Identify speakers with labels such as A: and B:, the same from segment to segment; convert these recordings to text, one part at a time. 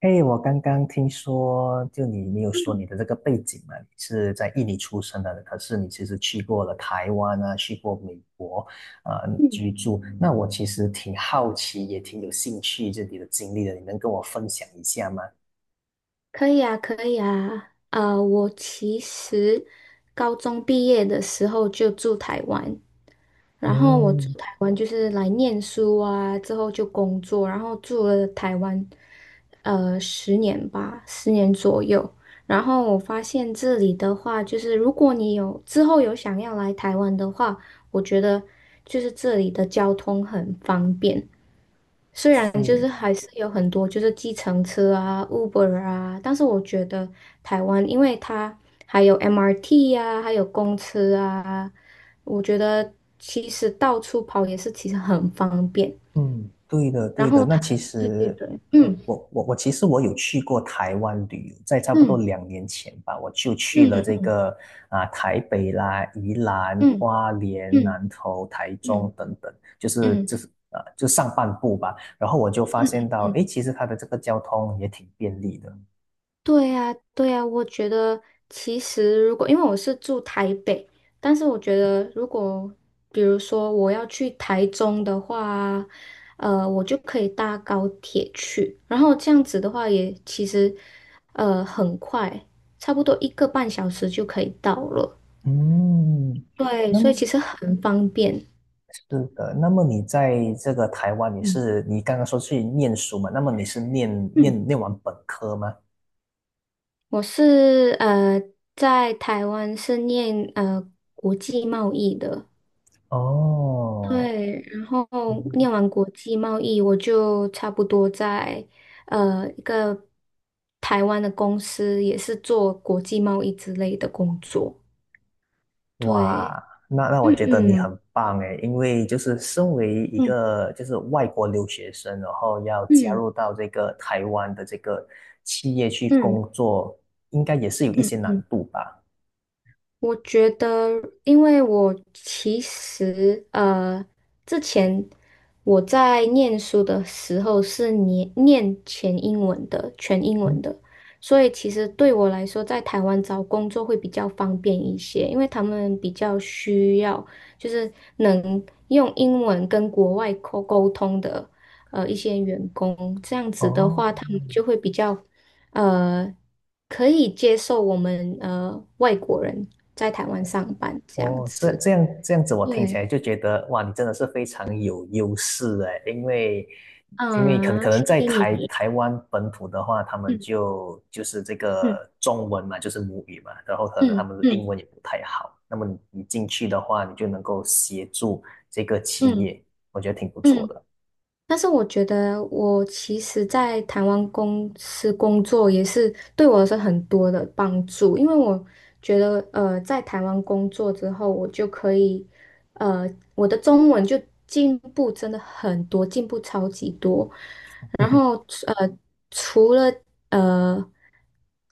A: 哎，我刚刚听说，就你有说
B: 嗯
A: 你的这个背景嘛，你是在印尼出生的，可是你其实去过了台湾啊，去过美国，
B: 嗯，
A: 居住。那我其实挺好奇，也挺有兴趣这里的经历的，你能跟我分享一下吗？
B: 可以啊，可以啊。我其实高中毕业的时候就住台湾，然后我住
A: 嗯，
B: 台湾就是来念书啊，之后就工作，然后住了台湾十年吧，十年左右。然后我发现这里的话，就是如果你有之后有想要来台湾的话，我觉得就是这里的交通很方便。虽然就是
A: 是，
B: 还是有很多就是计程车啊、Uber 啊，但是我觉得台湾，因为它还有 MRT 啊，还有公车啊，我觉得其实到处跑也是其实很方便。
A: 嗯，对的，
B: 然
A: 对的。
B: 后
A: 那
B: 它，
A: 其
B: 对对
A: 实，
B: 对，
A: 我有去过台湾旅游，在差不多
B: 嗯
A: 两年前吧，我就去了这
B: 嗯
A: 个啊、台北啦、宜兰、
B: 嗯
A: 花莲、
B: 嗯
A: 南投、台
B: 嗯
A: 中等等，就
B: 嗯
A: 是
B: 嗯
A: 就是啊、就上半部吧。然后我就发现
B: 嗯
A: 到，诶，其实它的这个交通也挺便利的。
B: 对呀，对呀，我觉得其实如果因为我是住台北，但是我觉得如果比如说我要去台中的话，我就可以搭高铁去，然后这样子的话也其实很快，差不多一个半小时就可以到了。
A: 嗯，
B: 对，
A: 那
B: 所以
A: 么
B: 其实很方便。
A: 是的。那么你在这个台湾，你
B: 嗯，
A: 是你刚刚说去念书嘛？那么你是念
B: 嗯，
A: 念念完本科吗？
B: 我是在台湾是念国际贸易的。
A: 哦，
B: 对，然后念
A: 嗯。
B: 完国际贸易，我就差不多在一个台湾的公司，也是做国际贸易之类的工作。对，
A: 哇，那那我
B: 嗯
A: 觉得你
B: 嗯
A: 很棒诶，因为就是身为一
B: 嗯
A: 个就是外国留学生，然后要加
B: 嗯
A: 入到这个台湾的这个企业去
B: 嗯
A: 工作，应该也是有一
B: 嗯
A: 些
B: 嗯。
A: 难
B: 嗯
A: 度吧？
B: 我觉得，因为我其实之前我在念书的时候是念全英文的，全英
A: 嗯。
B: 文的，所以其实对我来说，在台湾找工作会比较方便一些，因为他们比较需要就是能用英文跟国外沟通的一些员工，这样子的
A: 哦，
B: 话，他们就会比较。呃，可以接受我们外国人在台湾上班这样子。
A: 这样子，我听起
B: 对，
A: 来就觉得哇，你真的是非常有优势哎，因为因为可能可
B: 啊，
A: 能
B: 谢
A: 在
B: 谢
A: 台
B: 你。
A: 台湾本土的话，他们
B: 嗯
A: 就是这
B: 嗯
A: 个中文嘛，就是母语嘛，然后可能他
B: 嗯
A: 们的英
B: 嗯
A: 文也不太好，那么你进去的话，你就能够协助这个企
B: 嗯
A: 业，我觉得挺不
B: 嗯。
A: 错
B: 嗯
A: 的。
B: 但是我觉得，我其实在台湾公司工作也是对我是很多的帮助，因为我觉得，在台湾工作之后，我就可以，呃，我的中文就进步真的很多，进步超级多。然后，呃，除了呃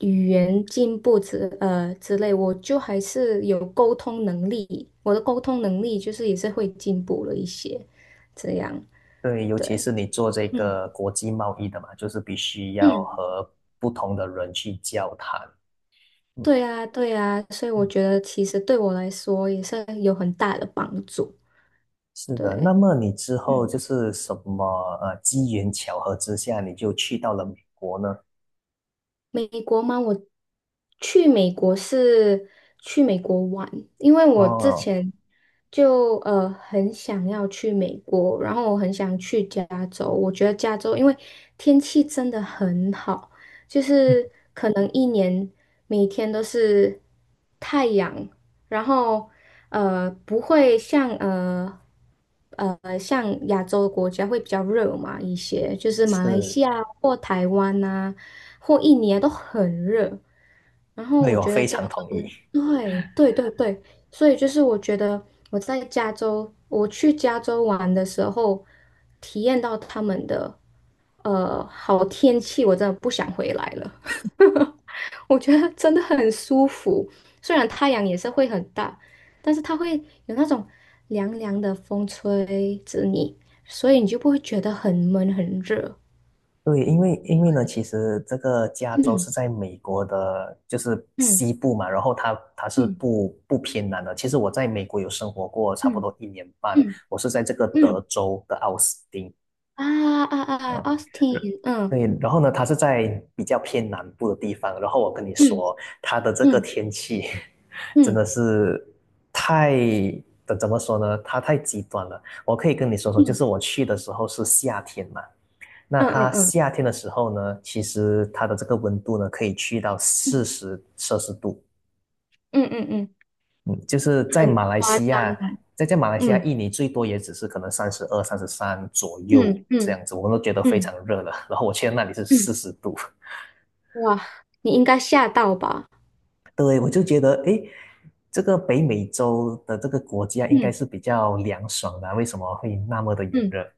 B: 语言进步之类，我就还是有沟通能力，我的沟通能力就是也是会进步了一些，这样。
A: 对，尤其
B: 对。
A: 是你做这
B: 嗯
A: 个国际贸易的嘛，就是必须要
B: 嗯，
A: 和不同的人去交谈。嗯。
B: 对啊，对啊，所以我觉得其实对我来说也是有很大的帮助。
A: 是的，那
B: 对，
A: 么你之后
B: 嗯。
A: 就是什么机缘巧合之下，你就去到了美国呢？
B: 美国吗？我去美国是去美国玩，因为我之
A: 哦，
B: 前就很想要去美国，然后我很想去加州。我觉得加州因为天气真的很好，就
A: 嗯。
B: 是可能一年每天都是太阳，然后不会像。像亚洲国家会比较热嘛，一些就 是马来西
A: 是，
B: 亚或台湾呐、或一年都很热。然后
A: 对，
B: 我
A: 我
B: 觉得
A: 非
B: 加
A: 常同
B: 州
A: 意。
B: 的对对对对，所以就是我觉得我在加州，我去加州玩的时候，体验到他们的好天气，我真的不想回来了。我觉得真的很舒服，虽然太阳也是会很大，但是它会有那种凉凉的风吹着你，所以你就不会觉得很闷很热。
A: 对，因为因为呢，其实这个加州
B: 嗯
A: 是在美国的，就是
B: 嗯
A: 西部嘛，然后它是
B: 嗯
A: 不偏南的。其实我在美国有生活过差不
B: 嗯
A: 多一年半，
B: 嗯
A: 我是在这个德
B: 嗯。
A: 州的奥斯汀，
B: 啊啊啊啊
A: 啊，
B: ，Austin,
A: 对，然后呢，它是在比较偏南部的地方。然后我跟你
B: 嗯
A: 说，它的这个
B: 嗯
A: 天气真
B: 嗯
A: 的是太，怎么说呢？它太极端了。我可以跟你说说，就
B: 嗯
A: 是我去的时候是夏天嘛，那
B: 嗯
A: 它
B: 嗯嗯
A: 夏天的时候呢，其实它的这个温度呢，可以去到40摄氏度。
B: 嗯嗯嗯，
A: 嗯，就是在
B: 很
A: 马来
B: 夸
A: 西
B: 张
A: 亚，
B: 哦，
A: 在马来西亚，
B: 嗯
A: 印尼最多也只是可能32、33左右
B: 嗯
A: 这
B: 嗯
A: 样子，我们都觉得非
B: 嗯
A: 常热了。然后我去到那里是四
B: 嗯，
A: 十度，
B: 哇，你应该吓到吧？
A: 对，我就觉得，诶，这个北美洲的这个国家应该
B: 嗯
A: 是比较凉爽的啊，为什么会那么的炎
B: 嗯，
A: 热？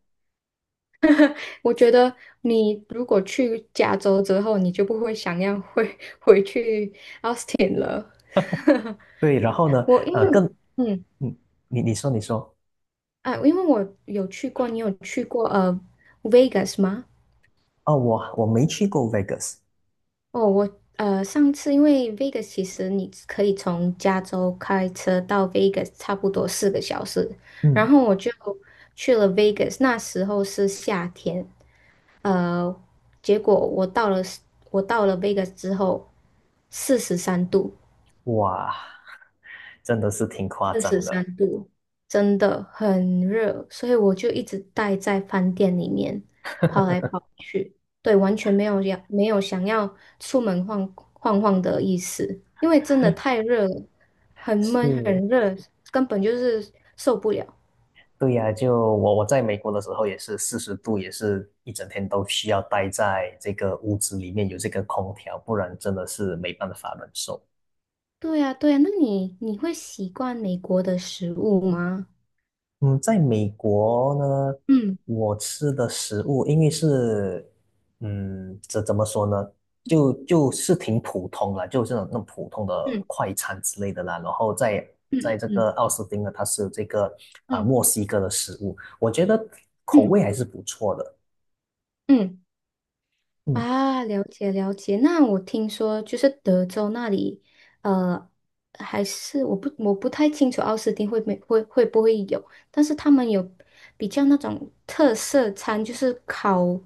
B: 我觉得你如果去加州之后，你就不会想要回去 Austin 了。
A: 对，然后呢，
B: 我因
A: 呃，更，
B: 为嗯
A: 嗯，你说你说，
B: 啊，因为我有去过，你有去过Vegas 吗？
A: 哦，我没去过 Vegas，
B: 哦，我上次因为 Vegas 其实你可以从加州开车到 Vegas 差不多4个小时，然
A: 嗯，
B: 后我就去了 Vegas,那时候是夏天，呃，结果我到了 Vegas 之后，43度，
A: 哇，真的是挺夸
B: 四十
A: 张
B: 三
A: 的。
B: 度，真的很热，所以我就一直待在饭店里面，跑来跑去，对，完全没有要没有想要出门晃晃晃的意思，因为真的太热了，很闷
A: 是，
B: 很热，根本就是受不了。
A: 对呀，就我在美国的时候也是四十度，也是一整天都需要待在这个屋子里面有这个空调，不然真的是没办法忍受。
B: 对呀，对呀，那你会习惯美国的食物吗？
A: 嗯，在美国呢，
B: 嗯
A: 我吃的食物因为是，嗯，这怎么说呢？就就是挺普通啦，就是那种普通的
B: 嗯
A: 快餐之类的啦。然后在
B: 嗯
A: 在这个
B: 嗯
A: 奥斯汀呢，它是这个
B: 嗯
A: 啊、
B: 嗯
A: 墨西哥的食物，我觉得口
B: 嗯嗯。
A: 味还是不错的。
B: 嗯
A: 嗯。
B: 了解了解。那我听说就是德州那里，呃，还是我不太清楚奥斯汀会没会会不会有，但是他们有比较那种特色餐，就是烤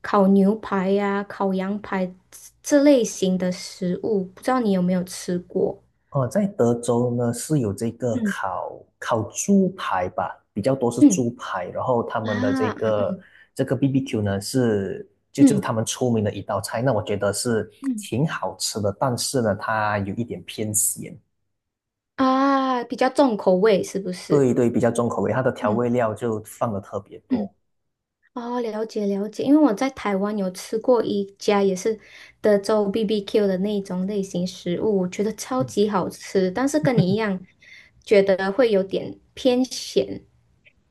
B: 烤牛排呀、烤羊排这类型的食物，不知道你有没有吃过？
A: 哦，在德州呢是有这个
B: 嗯
A: 烤猪排吧，比较多是
B: 嗯
A: 猪排，然后他们的这
B: 啊
A: 个这个 BBQ 呢是就是他
B: 嗯
A: 们出名的一道菜，那我觉得是
B: 嗯
A: 挺好吃的，但是呢它有一点偏咸，
B: 比较重口味是不
A: 对
B: 是？
A: 对，比较重口味，它的调
B: 嗯。
A: 味料就放的特别
B: 嗯。
A: 多。
B: 哦，了解了解，因为我在台湾有吃过一家也是德州 BBQ 的那种类型食物，我觉得超
A: 嗯。
B: 级好吃，但是跟你一样，觉得会有点偏咸，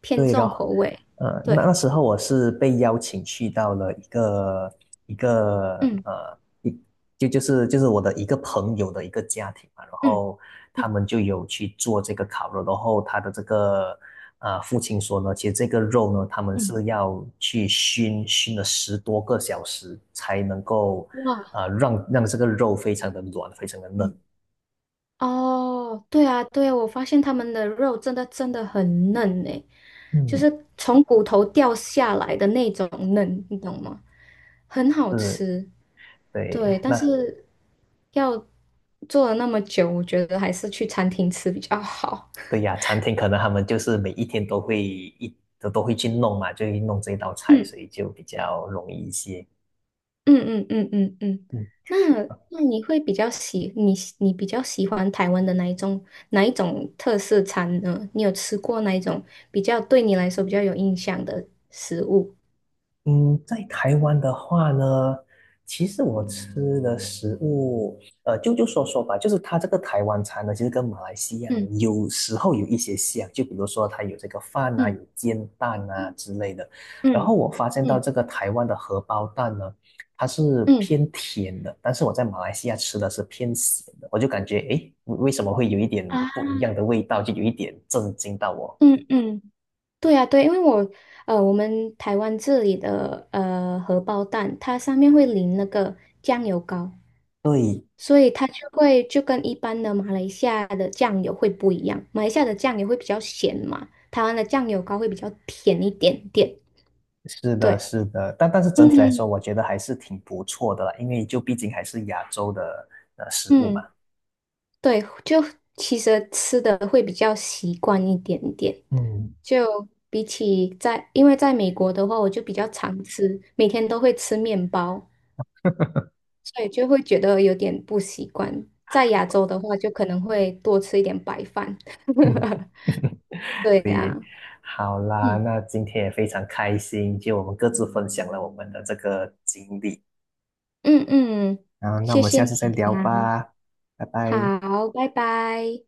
B: 偏
A: 对
B: 重口
A: 咯，
B: 味。
A: 那
B: 对，
A: 那时候我是被邀请去到了一个一个
B: 嗯
A: 呃一就是我的一个朋友的一个家庭嘛，然
B: 嗯
A: 后
B: 嗯
A: 他们就有去做这个烤肉，然后他的这个父亲说呢，其实这个肉呢，他们
B: 嗯，
A: 是要去熏了10多个小时才能够
B: 哇，
A: 让这个肉非常的软，非常的嫩。
B: 嗯，哦，对啊对啊，我发现他们的肉真的真的很嫩诶，就
A: 嗯，
B: 是从骨头掉下来的那种嫩，你懂吗？很好
A: 是
B: 吃。对，
A: 对，
B: 但
A: 那
B: 是要做了那么久，我觉得还是去餐厅吃比较好。
A: 对呀，餐厅可能他们就是每一天都会一都会去弄嘛，就会弄这道菜，
B: 嗯
A: 所以就比较容易一些。
B: 嗯嗯嗯嗯嗯。
A: 嗯。
B: 那那你比较喜欢台湾的哪一种特色餐呢？你有吃过哪一种对你来说比较有印象的食物？
A: 嗯，在台湾的话呢，其实我吃的食物，就就说说吧，就是它这个台湾餐呢，其实跟马来西亚呢
B: 嗯
A: 有时候有一些像，就比如说它有这个饭啊，有
B: 嗯
A: 煎蛋啊之类的。然后
B: 嗯
A: 我发现到
B: 嗯
A: 这个台湾的荷包蛋呢，它是
B: 嗯
A: 偏甜的，但是我在马来西亚吃的是偏咸的，我就感觉诶，为什么会有一点
B: 啊
A: 不一样的味道，就有一点震惊到我。
B: 嗯嗯，对啊对，因为我我们台湾这里的荷包蛋，它上面会淋那个酱油膏。
A: 对，
B: 所以它就会就跟一般的马来西亚的酱油会不一样，马来西亚的酱油会比较咸嘛，台湾的酱油膏会比较甜一点点。
A: 是的，
B: 对，
A: 是的，但是整体来说，
B: 嗯
A: 我觉得还是挺不错的啦，因为就毕竟还是亚洲的食物嘛。
B: 嗯，对，就其实吃的会比较习惯一点点，
A: 嗯。
B: 就比起在，因为在美国的话，我就比较常吃，每天都会吃面包，所以就会觉得有点不习惯。在亚洲的话，就可能会多吃一点白饭。对 呀、
A: 对，
B: 啊
A: 好啦，
B: 嗯。
A: 那今天也非常开心，就我们各自分享了我们的这个经历
B: 嗯嗯，
A: 啊，那我
B: 谢
A: 们
B: 谢
A: 下次再
B: 你，
A: 聊吧，拜拜。
B: 好，拜拜。